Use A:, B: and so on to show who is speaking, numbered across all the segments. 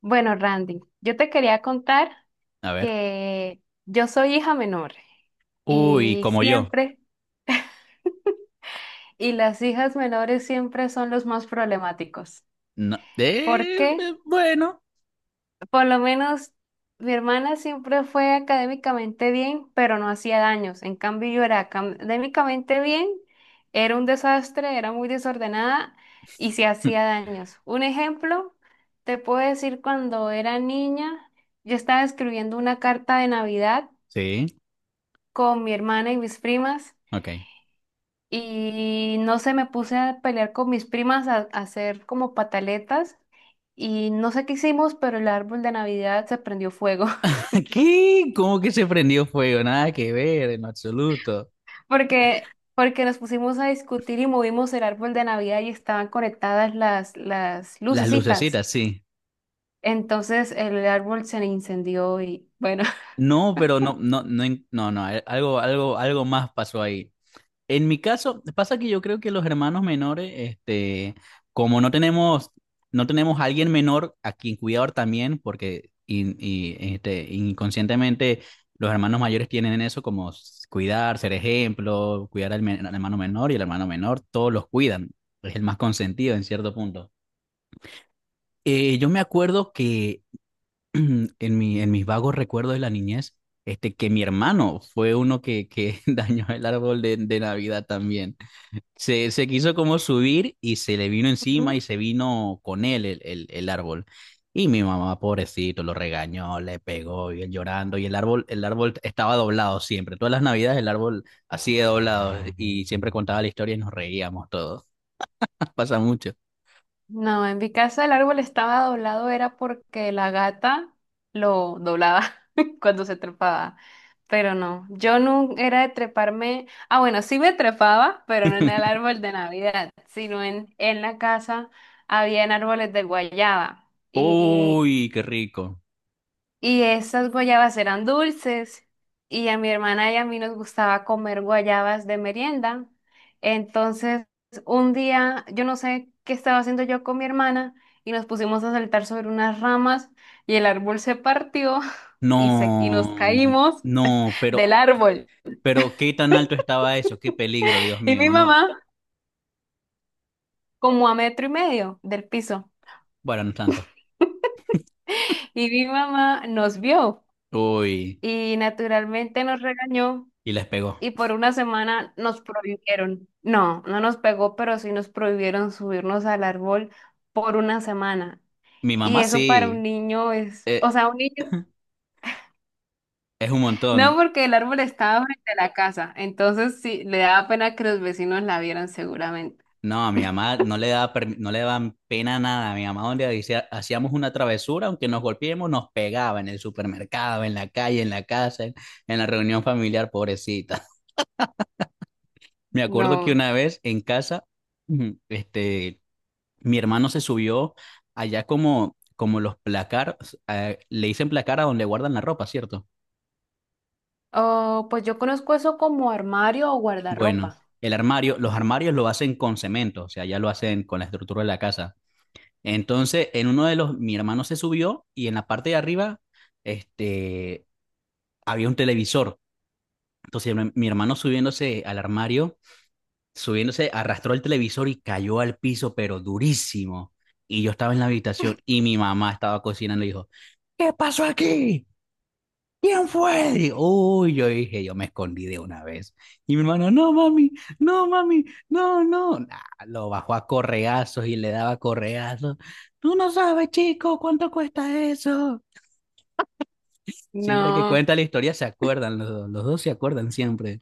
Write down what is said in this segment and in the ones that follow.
A: Bueno, Randy, yo te quería contar
B: A ver.
A: que yo soy hija menor
B: Uy,
A: y
B: como yo.
A: siempre, y las hijas menores siempre son los más problemáticos.
B: No.
A: ¿Por qué?
B: Bueno.
A: Por lo menos mi hermana siempre fue académicamente bien, pero no hacía daños. En cambio, yo era académicamente bien, era un desastre, era muy desordenada y se hacía daños. Un ejemplo, te puedo decir cuando era niña, yo estaba escribiendo una carta de Navidad
B: Sí,
A: con mi hermana y mis primas
B: ok.
A: y no sé, me puse a pelear con mis primas a hacer como pataletas y no sé qué hicimos, pero el árbol de Navidad se prendió fuego
B: ¿Qué? ¿Cómo que se prendió fuego? Nada que ver, en absoluto.
A: porque nos pusimos a discutir y movimos el árbol de Navidad y estaban conectadas las
B: Las
A: lucecitas.
B: lucecitas, sí.
A: Entonces el árbol se incendió y bueno,
B: No, pero no, no, no, no, no, algo más pasó ahí. En mi caso, pasa que yo creo que los hermanos menores, este, como no tenemos, a alguien menor a quien cuidar también, porque y, este, inconscientemente los hermanos mayores tienen eso como cuidar, ser ejemplo, cuidar al hermano menor y el hermano menor, todos los cuidan, es el más consentido en cierto punto. Yo me acuerdo que en mis vagos recuerdos de la niñez, este, que mi hermano fue uno que dañó el árbol de Navidad también. Se quiso como subir y se le vino encima y se vino con él el árbol. Y mi mamá, pobrecito, lo regañó, le pegó y él llorando. Y el árbol estaba doblado siempre. Todas las navidades el árbol así de doblado. Y siempre contaba la historia y nos reíamos todos. Pasa mucho.
A: no, en mi casa el árbol estaba doblado, era porque la gata lo doblaba cuando se trepaba. Pero no, yo no era de treparme. Ah, bueno, sí me trepaba, pero no en el árbol de Navidad, sino en la casa habían árboles de guayaba. Y
B: Uy, qué rico.
A: y esas guayabas eran dulces y a mi hermana y a mí nos gustaba comer guayabas de merienda. Entonces, un día, yo no sé qué estaba haciendo yo con mi hermana y nos pusimos a saltar sobre unas ramas y el árbol se partió y, se, y nos
B: No,
A: caímos
B: no, pero,
A: del árbol.
B: pero qué tan alto estaba eso, qué peligro, Dios
A: Y mi
B: mío. No,
A: mamá, como a metro y medio del piso,
B: bueno, no tanto.
A: y mi mamá nos vio
B: Uy,
A: y naturalmente nos regañó
B: y les pegó.
A: y por una semana nos prohibieron. No, no nos pegó, pero sí nos prohibieron subirnos al árbol por una semana.
B: Mi
A: Y
B: mamá
A: eso para un
B: sí.
A: niño es, o
B: Eh,
A: sea, un niño,
B: Es un
A: no
B: montón.
A: porque el árbol estaba frente a la casa, entonces sí, le daba pena que los vecinos la vieran seguramente.
B: No, a mi mamá no le daba, no le daban pena nada. A mi mamá donde hacíamos una travesura, aunque nos golpeemos, nos pegaba en el supermercado, en la calle, en la casa, en la reunión familiar, pobrecita. Me acuerdo que
A: No.
B: una vez en casa, este, mi hermano se subió allá como, como los placar, le dicen placar a donde guardan la ropa, ¿cierto?
A: Oh, pues yo conozco eso como armario o
B: Bueno,
A: guardarropa.
B: el armario, los armarios lo hacen con cemento, o sea, ya lo hacen con la estructura de la casa. Entonces, en uno de los, mi hermano se subió y en la parte de arriba, este, había un televisor. Entonces, mi hermano subiéndose al armario, subiéndose, arrastró el televisor y cayó al piso, pero durísimo. Y yo estaba en la habitación y mi mamá estaba cocinando y dijo, ¿qué pasó aquí? ¿Quién fue? Y, uy, yo dije, yo me escondí de una vez. Y mi hermano, no, mami, no, mami, no, no. Nah, lo bajó a correazos y le daba correazos. Tú no sabes, chico, cuánto cuesta eso. Siempre que
A: No,
B: cuenta la historia se acuerdan, los dos se acuerdan siempre.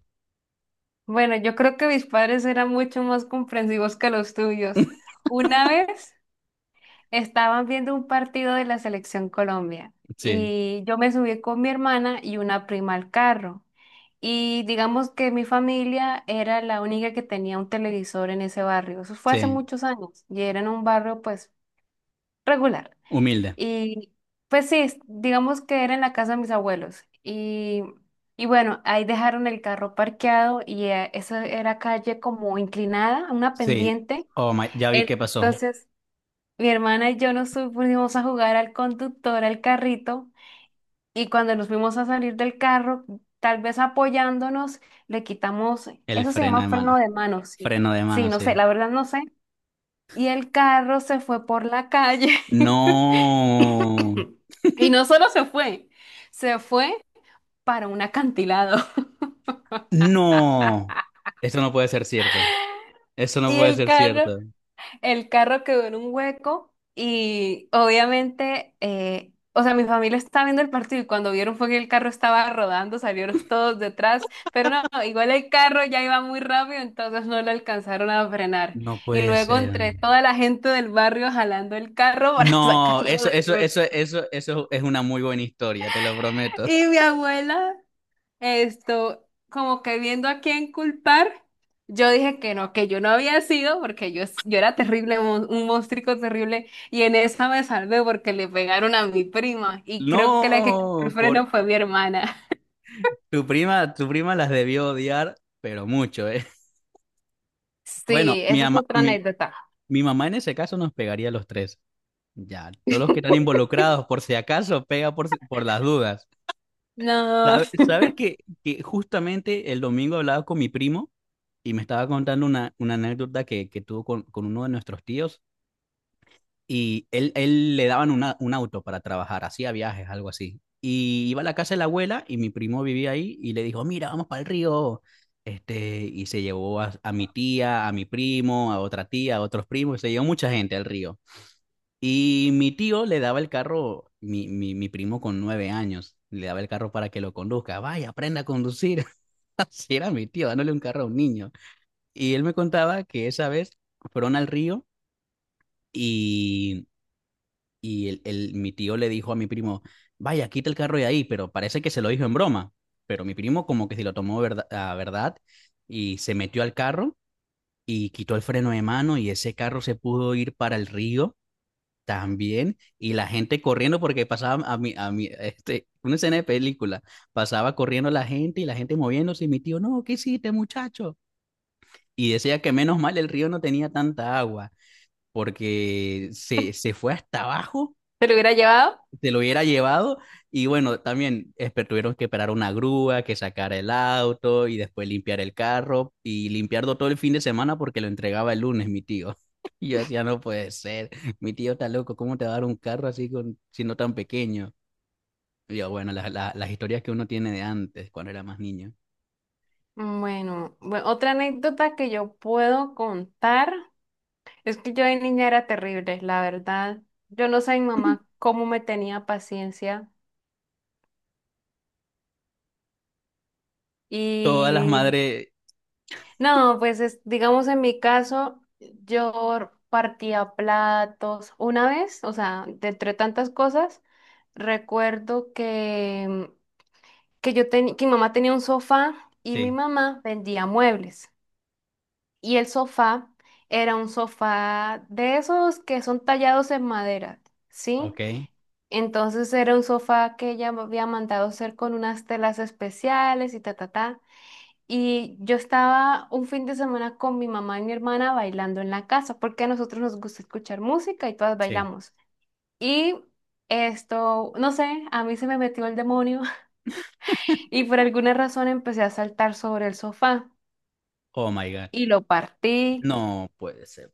A: bueno, yo creo que mis padres eran mucho más comprensivos que los tuyos. Una vez estaban viendo un partido de la selección Colombia
B: Sí,
A: y yo me subí con mi hermana y una prima al carro. Y digamos que mi familia era la única que tenía un televisor en ese barrio. Eso fue hace
B: sí,
A: muchos años y era en un barrio pues regular.
B: humilde.
A: Y pues sí, digamos que era en la casa de mis abuelos. Y bueno, ahí dejaron el carro parqueado y esa era calle como inclinada, una
B: Sí,
A: pendiente.
B: oh my, ya vi qué pasó.
A: Entonces, mi hermana y yo nos fuimos a jugar al conductor, al carrito, y cuando nos fuimos a salir del carro, tal vez apoyándonos, le quitamos,
B: El
A: eso se
B: freno de
A: llama
B: mano.
A: freno de mano, sí,
B: Freno de
A: sí,
B: mano,
A: no sé,
B: sí.
A: la verdad no sé. Y el carro se fue por la calle.
B: No,
A: Y no solo se fue para un acantilado.
B: no. Esto no puede ser cierto. Eso no
A: Y
B: puede
A: el
B: ser
A: carro,
B: cierto.
A: el carro quedó en un hueco y obviamente, o sea, mi familia estaba viendo el partido y cuando vieron fue que el carro estaba rodando, salieron todos detrás, pero no, igual el carro ya iba muy rápido, entonces no lo alcanzaron a frenar.
B: No
A: Y
B: puede
A: luego
B: ser.
A: entre toda la gente del barrio jalando el carro para
B: No,
A: sacarlo
B: eso,
A: del
B: eso, eso,
A: hueco.
B: eso, eso es una muy buena historia, te lo prometo.
A: Y mi abuela, esto, como que viendo a quién culpar, yo dije que no, que yo no había sido, porque yo era terrible, un monstruo terrible, y en esa me salvé porque le pegaron a mi prima, y creo que la que quitó el
B: No,
A: freno fue mi hermana.
B: tu prima las debió odiar, pero mucho, ¿eh? Bueno,
A: Sí, esa es otra anécdota.
B: mi mamá en ese caso nos pegaría a los tres. Ya, todos los que están involucrados, por si acaso, pega por, si- por las dudas.
A: No,
B: ¿Sabes, sabes que justamente el domingo hablaba con mi primo y me estaba contando una anécdota que tuvo con uno de nuestros tíos? Y él le daban un auto para trabajar, hacía viajes, algo así. Y iba a la casa de la abuela y mi primo vivía ahí y le dijo, mira, vamos para el río. Este, y se llevó a mi tía, a mi primo, a otra tía, a otros primos, se llevó mucha gente al río. Y mi tío le daba el carro, mi primo con 9 años, le daba el carro para que lo conduzca. Vaya, aprenda a conducir. Así era mi tío, dándole un carro a un niño. Y él me contaba que esa vez fueron al río y mi tío le dijo a mi primo, vaya, quita el carro de ahí, pero parece que se lo dijo en broma. Pero mi primo como que se lo tomó a verdad y se metió al carro y quitó el freno de mano y ese carro se pudo ir para el río también. Y la gente corriendo porque pasaba a mí, este, una escena de película, pasaba corriendo la gente y la gente moviéndose y mi tío, no, ¿qué hiciste, muchacho? Y decía que menos mal el río no tenía tanta agua porque se fue hasta abajo,
A: ¿te lo hubiera llevado?
B: se lo hubiera llevado y bueno, también tuvieron que esperar una grúa, que sacara el auto y después limpiar el carro y limpiarlo todo el fin de semana porque lo entregaba el lunes mi tío. Y yo decía, no puede ser, mi tío está loco, ¿cómo te va a dar un carro así con, siendo tan pequeño? Y yo, bueno, las historias que uno tiene de antes, cuando era más niño.
A: Bueno, otra anécdota que yo puedo contar es que yo de niña era terrible, la verdad. Yo no sé mi mamá cómo me tenía paciencia.
B: Todas las
A: Y
B: madres,
A: no, pues digamos en mi caso, yo partía platos una vez, o sea, de entre tantas cosas, recuerdo que yo tenía, que mi mamá tenía un sofá y mi
B: sí,
A: mamá vendía muebles. Y el sofá era un sofá de esos que son tallados en madera, ¿sí?
B: ok,
A: Entonces era un sofá que ella me había mandado hacer con unas telas especiales y ta, ta, ta. Y yo estaba un fin de semana con mi mamá y mi hermana bailando en la casa, porque a nosotros nos gusta escuchar música y todas
B: sí.
A: bailamos. Y esto, no sé, a mí se me metió el demonio y por alguna razón empecé a saltar sobre el sofá
B: Oh my God.
A: y lo partí,
B: No puede ser.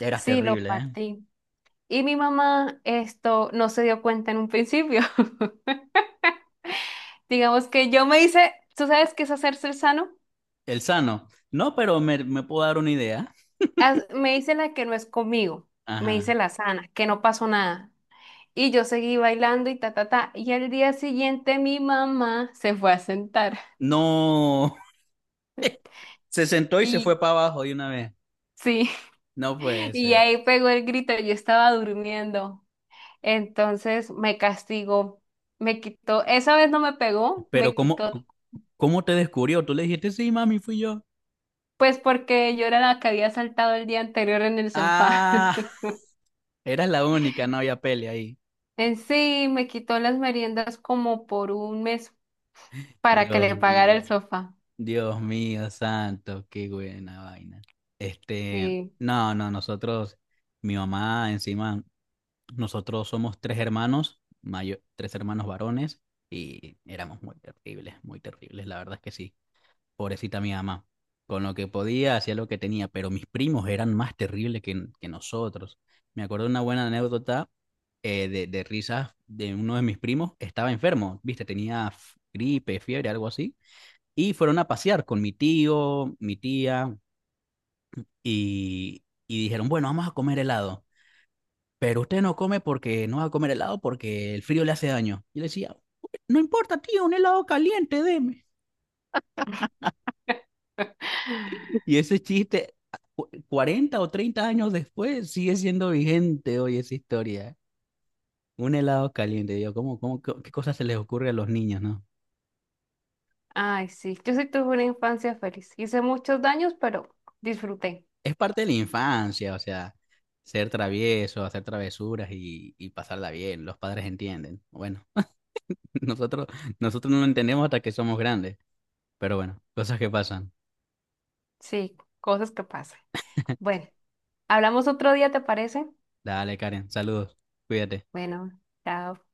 B: Eras
A: sí, lo
B: terrible, ¿eh?
A: partí. Y mi mamá esto no se dio cuenta en un principio. Digamos que yo me hice, ¿tú sabes qué es hacerse el sano?
B: El sano. No, pero me puedo dar una idea.
A: Me hice la que no es conmigo, me hice
B: Ajá.
A: la sana, que no pasó nada. Y yo seguí bailando y ta, ta, ta. Y al día siguiente mi mamá se fue a sentar.
B: No, se sentó y se
A: Y
B: fue para abajo de una vez.
A: sí,
B: No puede
A: y
B: ser.
A: ahí pegó el grito, yo estaba durmiendo. Entonces me castigó, me quitó, esa vez no me pegó,
B: Pero
A: me
B: ¿cómo,
A: quitó,
B: cómo te descubrió? Tú le dijiste, sí, mami, fui yo.
A: pues porque yo era la que había saltado el día anterior en el sofá.
B: Ah, eras la única, no había pele ahí.
A: En sí, me quitó las meriendas como por un mes para que
B: Dios
A: le pagara el
B: mío,
A: sofá.
B: Dios mío, santo, qué buena vaina. Este,
A: Sí.
B: no, no, mi mamá, encima, nosotros somos tres hermanos, tres hermanos varones, y éramos muy terribles, la verdad es que sí. Pobrecita mi mamá. Con lo que podía, hacía lo que tenía, pero mis primos eran más terribles que nosotros. Me acuerdo de una buena anécdota de risas de uno de mis primos. Estaba enfermo, viste, tenía gripe, fiebre, algo así. Y fueron a pasear con mi tío, mi tía, y dijeron, bueno, vamos a comer helado. Pero usted no come porque no va a comer helado porque el frío le hace daño. Y yo le decía, no importa, tío, un helado caliente, deme. Y ese chiste, 40 o 30 años después, sigue siendo vigente hoy esa historia. Un helado caliente, yo, ¿cómo, qué cosas se les ocurre a los niños, no?
A: Ay, sí, yo sí tuve una infancia feliz. Hice muchos daños, pero disfruté.
B: Es parte de la infancia, o sea, ser travieso, hacer travesuras y pasarla bien, los padres entienden. Bueno, nosotros, nosotros no lo entendemos hasta que somos grandes, pero bueno, cosas que pasan.
A: Sí, cosas que pasan. Bueno, hablamos otro día, ¿te parece?
B: Dale, Karen, saludos, cuídate.
A: Bueno, chao.